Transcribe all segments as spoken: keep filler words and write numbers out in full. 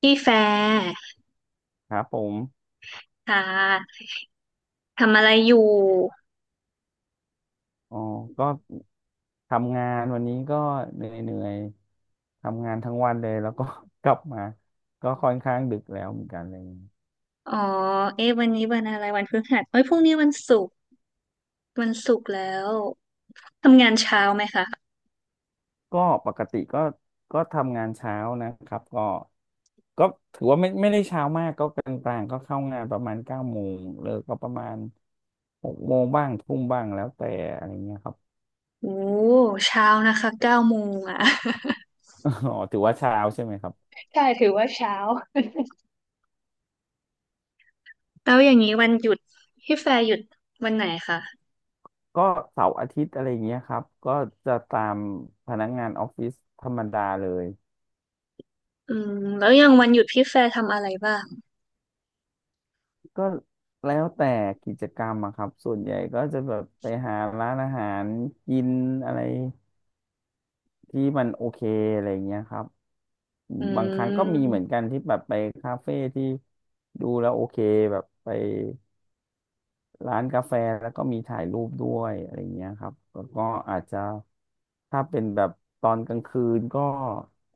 พี่แฟร์ครับผมค่ะทำอะไรอยู่อ๋อก็ทำงานวันนี้ก็เหนื่อยๆ ทำงานทั้งวันเลยแล้วก็ กลับมาก็ค่อนข้างดึกแล้วเหมือนกันอะไรอย่างเลยอ๋อเอ๊ะวันนี้วันอะไรวันพฤหัสเอ้ยพรุ่งนี้วันศุกร์วันศุกร์แล้วทำงานเช้าไหมคะก็ปกติก็ก็ทำงานเช้านะครับ ก็ก็ถือว่าไม่ไม่ได้เช้ามากก็กลางๆ ก็เข้างานประมาณเก้าโมงเลิกก็ประมาณหกโมงบ้างทุ่มบ้างแล้วแต่อะไรเงี้ยครับ โอ้เช้านะคะเก้าโมงอ่ะ อ๋อถือว่าเช้าใช่ไหมครับ ใช่ถือว่าเช้าแล้วอย่างนี้วันหยุดพี่แฟร์หยุดวันไหนคะก็เสาร์อาทิตย์อะไรเงี้ยครับก็จะตามพนักงานออฟฟิศธรรมดาเลย อืมแล้วอย่างวันหยุดพี่แฟร์ทำอะไรบ้างก็แล้วแต่กิจกรรมอะครับ ส่วนใหญ่ก็จะแบบไปหาร้านอาหารกินอะไรที่มันโอเคอะไรเงี้ยครับ อืบางครั้งก็มีเหมือนมกันที่แบบไปคาเฟ่ที่ดูแล้วโอเคแบบไป ร้านกาแฟแล้วก็มีถ่ายรูปด้วยอะไรอย่างเงี้ยครับแล้วก็อาจจะถ้าเป็นแบบตอนกลางคืนก็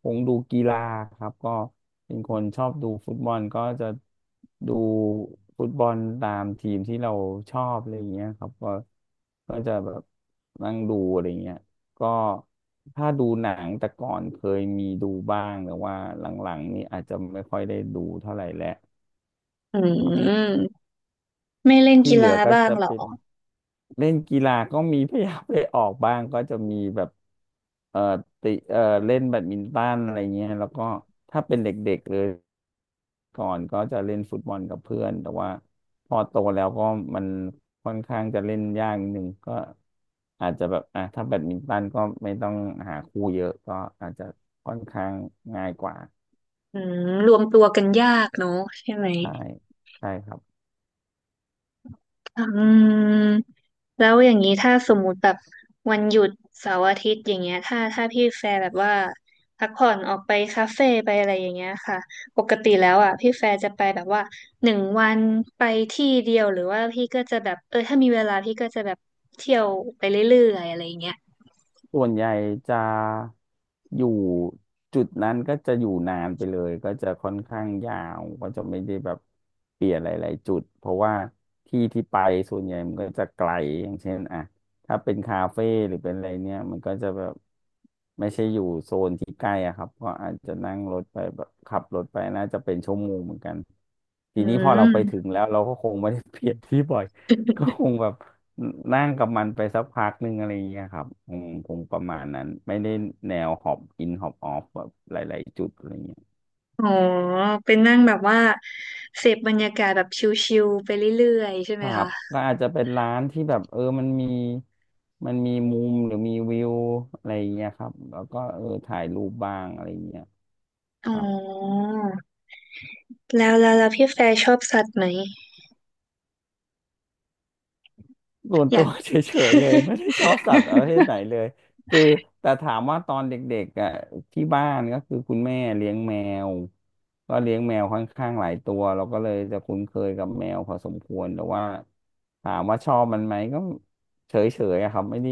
คงดูกีฬาครับก็เป็นคนชอบดูฟุตบอลก็จะดูฟุตบอลตามทีมที่เราชอบอะไรอย่างเงี้ยครับก็ก็จะแบบนั่งดูอะไรอย่างเงี้ยก็ถ้าดูหนังแต่ก่อนเคยมีดูบ้างแต่ว่าหลังๆนี่อาจจะไม่ค่อยได้ดูเท่าไหร่แล้วอืครับมไม่เล่นที่กีเหลือฬาก็บ้างจะเหรอเป็น เล่นกีฬาก็มีพยายามไปออกบ้างก็จะมีแบบเอ่อติเอ่อเล่นแบดมินตันอะไรเงี้ยแล้วก็ถ้าเป็นเด็กๆเลยก่อนก็จะเล่นฟุตบอลกับเพื่อนแต่ว่าพอโตแล้วก็มันค่อนข้างจะเล่นยากนิดนึงก็อาจจะแบบอ่ะถ้าแบดมินตันก็ไม่ต้องหาคู่เยอะก็อาจจะค่อนข้างง่ายกว่าอืมรวมตัวกันยากเนอะใช่ไหม ใช่ใช่ครับ อืมแล้วอย่างนี้ถ้าสมมุติแบบวันหยุดเสาร์อาทิตย์อย่างเงี้ยถ้าถ้าพี่แฟร์แบบว่าพักผ่อนออกไปคาเฟ่ไปอะไรอย่างเงี้ยค่ะปกติแล้วอ่ะพี่แฟร์จะไปแบบว่าหนึ่งวันไปที่เดียวหรือว่าพี่ก็จะแบบเออถ้ามีเวลาพี่ก็จะแบบเที่ยวไปเรื่อยๆอะไรอย่างเงี้ยส่วนใหญ่จะอยู่จุดนั้นก็จะอยู่นานไปเลยก็จะค่อนข้างยาวก็จะไม่ได้แบบเปลี่ยนหลายๆจุดเพราะว่าที่ที่ไปส่วนใหญ่มันก็จะไกลอย่างเช่นอ่ะถ้าเป็นคาเฟ่หรือเป็นอะไรเนี่ยมันก็จะแบบไม่ใช่อยู่โซนที่ใกล้อะครับก็อาจจะนั่งรถไปแบบขับรถไปน่าจะเป็นชั่วโมงเหมือนกันทีอืนี้พอเราไปถึงมแล้วเราก็คงไม่ได้เปลี่ยนที่บ่อย ก็คงแบบ นั่งกับมันไปสักพักหนึ่งอะไรอย่างเงี้ยครับอืมคงประมาณนั้นไม่ได้แนวฮอบอินฮอบออฟแบบหลายๆจุดอะไรเงี้ยอ๋อเป็นนั่งแบบว่าเสพบรรยากาศแบบชิลๆไปเรื่อยๆใช่คไหมรับคะก็อาจจะเป็นร้านที่แบบเออมันมีมันมีมุมหรือมีวิวอะไรอย่างเงี้ยครับแล้วก็เออถ่ายรูปบ้างอะไรอย่างเงี้ยอ๋ครับ อแล้วแล้วแล้วพี่แฟร์ชอบสัตว์ไหมส่วนอตัยาว ก เฉยๆเลย ไม่ได้ชอบสัตว์ประเภทไหนเลยคือแต่ถามว่าตอนเด็กๆอ่ะที่บ้านก็คือคุณแม่เลี้ยงแมวก็เลี้ยงแมวค่อนข้างหลายตัวเราก็เลยจะคุ้นเคยกับแมวพอสมควรแต่ว่าถามว่าชอบมันไหมก็เฉยๆอะครับไม่ได้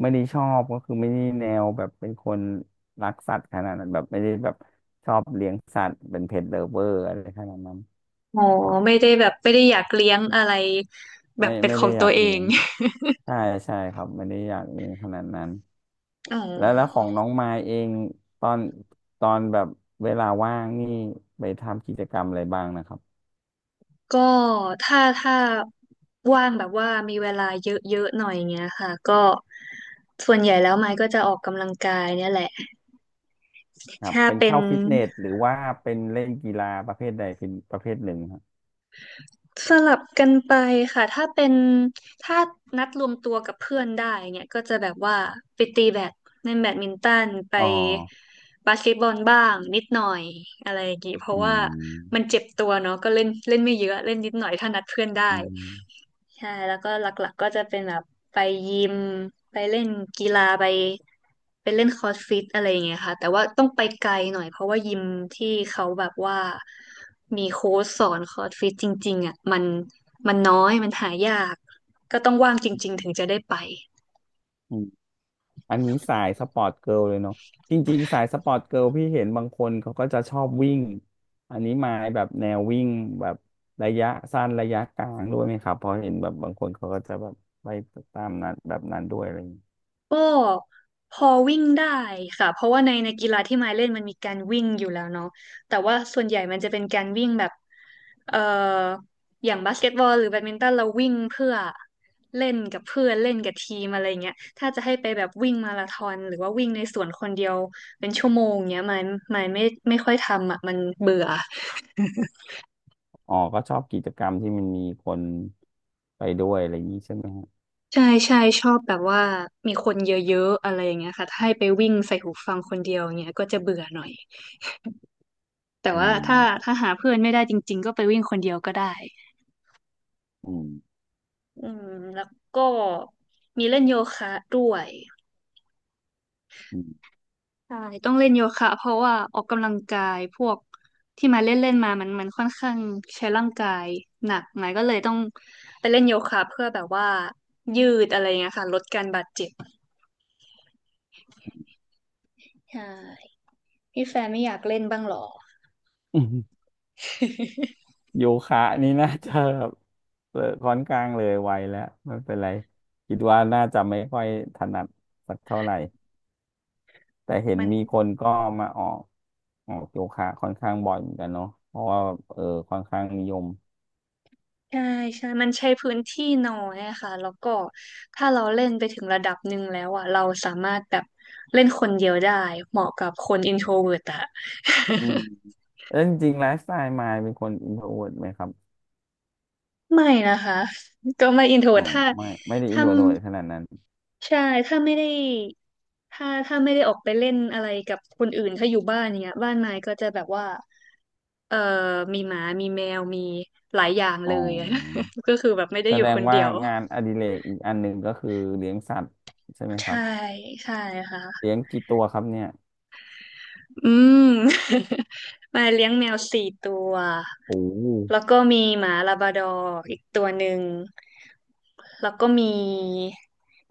ไม่ได้ชอบก็คือไม่ได้แนวแบบเป็นคนรักสัตว์ขนาดนั้นแบบไม่ได้แบบชอบเลี้ยงสัตว์เป็นเพ t l เ v เวอร์อะไรขนาดนั้นอ๋อครับไม่ได้แบบไม่ได้อยากเลี้ยงอะไรแบไม่บเป็นไม่ขอได้งอตัยาวกเอเลี้ยง ง ใช่ใช่ครับไม่ได้อยากเรียนขนาดนั้น อ๋อแล้วแล้วของน้องมายเองตอนตอนแบบเวลาว่างนี่ไปทำกิจกรรมอะไรบ้างนะครับก็ถ้าถ้าว่างแบบว่ามีเวลาเยอะๆหน่อยเงี้ยค่ะก็ส่วนใหญ่แล้วไม้ก็จะออกกำลังกายเนี่ยแหละครับถ้าเป็นเป็น เข้าฟิตเนสหรือว่าเป็นเล่นกีฬาประเภทใดเป็นประเภทหนึ่งครับสลับกันไปค่ะถ้าเป็นถ้านัดรวมตัวกับเพื่อนได้เนี่ยก็จะแบบว่าไปตีแบดเล่นแบดมินตันไปอ๋อบาสเกตบอลบ้างนิดหน่อยอะไรอย่างงี้เพราะอืว่ามมันเจ็บตัวเนาะก็เล่นเล่นไม่เยอะเล่นนิดหน่อยถ้านัดเพื่อนได้ อืใช่แล้วก็หลักๆก็จะเป็นแบบไปยิมไปเล่นกีฬาไปไปเล่นคอร์สฟิตอะไรอย่างเงี้ยค่ะแต่ว่าต้องไปไกลหน่อยเพราะว่ายิมที่เขาแบบว่ามีโค้ชสอนคอร์สฟิตจริงๆอ่ะมันมันน้อยมันหายากก็ต้องว่างจริงๆถึงจะได้ไป ม อันนี้สายสปอร์ตเกิร์ลเลยเนาะจริงๆสายสปอร์ตเกิร์ลพี่เห็นบางคนเขาก็จะชอบวิ่งอันนี้มาแบบแนววิ่งแบบระยะสั้นระยะกลางด้วยไหมครับเพราะเห็นแบบบางคนเขาก็จะแบบไปตามนั้นแบบนั้นด้วยอะไรอย่างเงี้ยก็พอวิ่งได้ค่ะเพราะว่าในในกีฬาที่มายเล่นมันมีการวิ่งอยู่แล้วเนาะแต่ว่าส่วนใหญ่มันจะเป็นการวิ่งแบบเอ่ออย่างบาสเกตบอลหรือแบดมินตันเราวิ่งเพื่อเล่นกับเพื่อนเล่นกับทีมอะไรเงี้ยถ้าจะให้ไปแบบวิ่งมาราธอนหรือว่าวิ่งในสวนคนเดียวเป็นชั่วโมงเงี้ยมายมายไม่ไม่ค่อยทำอ่ะมันเบื่ออ๋อก็ชอบกิจกรรมที่มันมีคนไปด้วยอะไรอย่างนี้ใช่ไหมฮะใช่ใช่ชอบแบบว่ามีคนเยอะๆอะไรอย่างเงี้ยค่ะถ้าให้ไปวิ่งใส่หูฟังคนเดียวเงี้ยก็จะเบื่อหน่อย แต่อืว่าถ้ามถ้าหาเพื่อนไม่ได้จริงๆก็ไปวิ่งคนเดียวก็ได้อืมอืมแล้วก็มีเล่นโยคะด้วยอืมใช่ต้องเล่นโยคะเพราะว่าออกกำลังกายพวกที่มาเล่นเล่นมามันมันค่อนข้างใช้ร่างกายหนักหน่อยก็เลยต้องไปเล่นโยคะเพื่อแบบว่ายืดอะไรเงี้ยค่ะลดการบาดเจ็บใช่พี่แฟนไม่อยากเล่นบ้างเหรอ อืมโยคะนี่น่าจะแบบเออค่อนข้างเลยไวแล้วไม่เป็นไรคิดว่าน่าจะไม่ค่อยถนัดสักเท่าไหร่ แต่เห็ นมัน มีคนก็มาออกออกโยคะค่อนข้างบ่อยเหมือนกันเนาะเพราะว่าเออค่อนข้างนิยมใช่ใช่มันใช้พื้นที่น้อยอะค่ะแล้วก็ถ้าเราเล่นไปถึงระดับหนึ่งแล้วอ่ะเราสามารถแบบเล่นคนเดียวได้เหมาะกับคนอินโทรเวิร์ตอะ อืมแล้วจริงๆไลฟ์สไตล์มายเป็นคนอินโทรเวิร์ไหมครับ ไม่นะคะก็ไม่อินโทรอ๋เวิอร์ตถ้าไม่ไม่ได้อินถ้าโทรเวิร์ขนาดนั้นใช่ถ้าไม่ได้ถ้าถ้าไม่ได้ออกไปเล่นอะไรกับคนอื่นถ้าอยู่บ้านเนี้ยบ้านไม้ก็จะแบบว่าเอ่อมีหมามีแมวมีหลายอย่างอ๋เลย อ ก็คือแบบไม่ได้แสอยู่ดคงนเดีว่ายวงานอดิเรกอีกอันหนึ่งก็คือเลี้ยงสัตว์ใช่ไหมครัใช่บใช่ค่ะ เลี้ยงกี่ตัวครับเนี่ยอืม มาเลี้ยงแมวสี่ตัว โอ้ แล้วก็มีหมาลาบราดอร์อีกตัวหนึ่งแล้วก็มี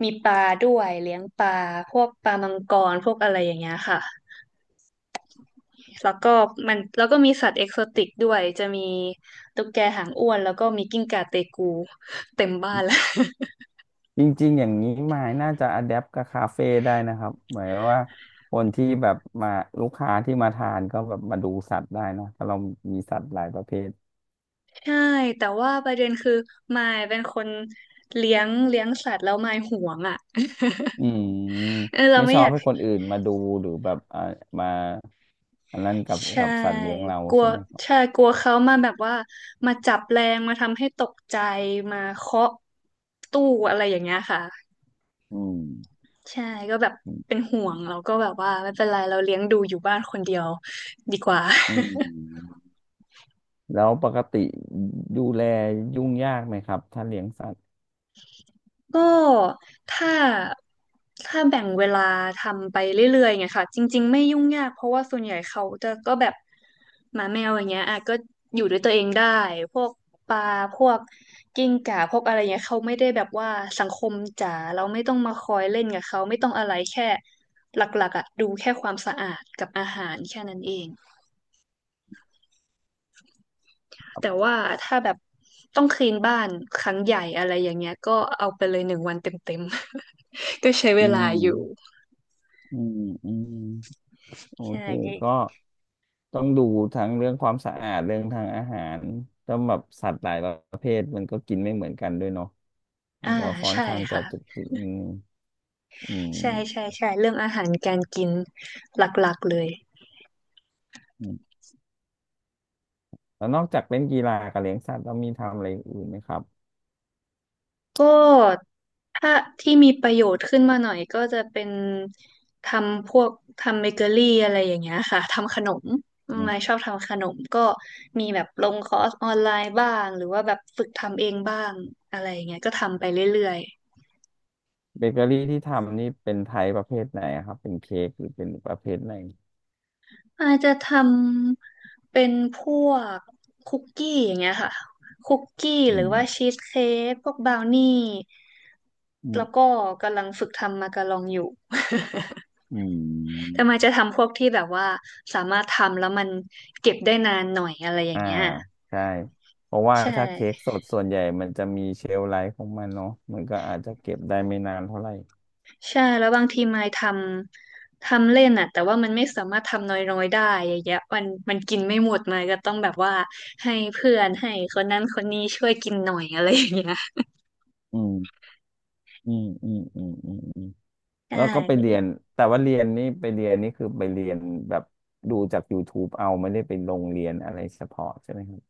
มีปลาด้วยเลี้ยงปลาพวกปลามังกรพวกอะไรอย่างเงี้ยค่ะแล้วก็มันแล้วก็มีสัตว์เอกโซติกด้วยจะมีตุ๊กแกหางอ้วนแล้วก็มีกิ้งก่าเตกูเต็มบ้านแล้ว จริงๆ อย่างนี้มายน่าจะอะแดปกับคาเฟ่ได้นะครับหมายว่าคนที่แบบมาลูกค้าที่มาทานก็แบบมาดูสัตว์ได้นะเพราะเรามีสัตว์หลายประเภทใช่แต่ว่าประเด็นคือมายเป็นคนเลี้ยงเลี้ยงสัตว์แล้วมายห่วงอ่ะ อืม เออเราไม่ไม่ชออบยาก ให้คนอื่นมาดูหรือแบบอ่ามาอันนั้นกับใช่กับสัตว์เลี้ยงเรากลัวใช่ไหมครับใช่กลัวเขามาแบบว่ามาจับแรงมาทำให้ตกใจมาเคาะตู้อะไรอย่างเงี้ยค่ะอืมใช่ก็แบบเป็นห่วงเราก็แบบว่าไม่เป็นไรเราเลี้ยงดูอยู่บ้านคนเดียวดีกว่า อืมแล้วปกติดูแลยุ่งยากไหมครับถ้าเลี้ยงสัตว์ก็ถ้าถ้าแบ่งเวลาทำไปเรื่อยๆไงค่ะจริงๆไม่ยุ่งยากเพราะว่าส่วนใหญ่เขาจะก็แบบหมาแมวอย่างเงี้ยอ่ะก็อยู่ด้วยตัวเองได้พวกปลาพวกกิ้งก่าพวกอะไรเงี้ยเขาไม่ได้แบบว่าสังคมจ๋าเราไม่ต้องมาคอยเล่นกับเขาไม่ต้องอะไรแค่หลักๆอ่ะดูแค่ความสะอาดกับอาหารแค่นั้นเองแต่ว่าถ้าแบบต้องคลีนบ้านครั้งใหญ่อะไรอย่างเงี้ยก็เอาไปเลยหนึ่งวันเต็มๆ ก็ใช้เวอืลามอยู่ อืมอืมโอใช่เคก็ ต้องดูทั้งเรื่องความสะอาดเรื่องทางอาหารต้องแบบสัตว์หลายประเภทมันก็กินไม่เหมือนกันด้วยเนาะมัอ่านก็ค่อนใช่ข้างจะค่ะจุกจิกอืมอืใช่ใช่มใช่ เรื่องอาหารการกินหลักๆเลยอืมแล้วนอกจากเล่นกีฬากับเลี้ยงสัตว์แล้วมีทำอะไรอื่นไหมครับก็ถ้าที่มีประโยชน์ขึ้นมาหน่อยก็จะเป็นทำพวกทำเบเกอรี่อะไรอย่างเงี้ยค่ะ ทำขนม อืมไม่ชอบทำขนมก็มีแบบลงคอร์สออนไลน์บ้าง หรือว่าแบบฝึกทำเองบ้างอะไรอย่างเงี้ยก็ทำไปเรื่อยๆ เบเกอรี่ที่ทำนี่เป็นไทยประเภทไหนอะครับ เป็นเค้กหรือเป็นประเภทไหนอาจจะทำเป็นพวกคุกกี้อย่างเงี้ยค่ะคุกกี้หอืรือว่ามชีสเค้กพวกบราวนี่อืแล้วมก็กำลังฝึกทำมาการองอยู่ อืแต่มมาจะทำพวกที่แบบว่าสามารถทำแล้วมันเก็บได้นานหน่อยอะไรอย่างอ่าเงี้ยใช่เพราะว่าใช่ถ้าเค้กสดส่วนใหญ่มันจะมีเชลฟ์ไลฟ์ของมันเนาะมันก็อาจจะเก็บได้ไม่นานเท่าไหร่ใช่แล้วบางทีมายทำทำเล่นอ่ะแต่ว่ามันไม่สามารถทำน้อยๆได้อย่างเงี้ยมันมันกินไม่หมดมายก็ต้องแบบว่าให้เพื่อนให้คนนั้นคนนี้ช่วยกินหน่อยอะไรอย่างเงี้ย อืม อืมอืมอืมอืมอืมใชแล้วก็ไปเรีย่นแต่ว่าเรียนนี่ไปเรียนนี่คือไปเรียนแบบดูจาก ยูทูป เอาไม่ได้ไปลงเรียนอะไรเฉพาะใช่ไหมครับ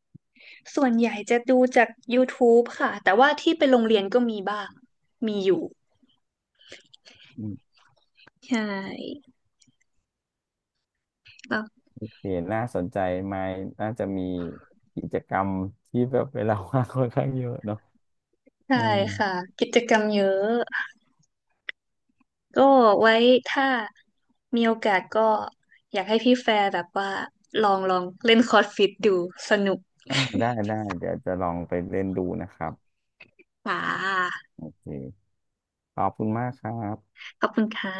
ส่วนใหญ่จะดูจาก ยูทูบ ค่ะ แต่ว่าที่ไปโรงเรียนก็มีบ้าง มีอยู่อืมใช่แล้วโอเห็นน่าสนใจไหมน่าจะมีกิจกรรมที่แบบเวลาว่างค่อนข้างเยอะเนาะใช่อืมค่ะ กิจกรรมเยอะ ก็ไว้ถ้ามีโอกาสก็อยากให้พี่แฟร์แบบว่าลองลองเล่นคอร์สฟิตดูสนุกอ่ะได้ได้เดี๋ยวจะลองไปเล่นดูนะครับค่ะโอเคขอบคุณมากครับขอบคุณค่ะ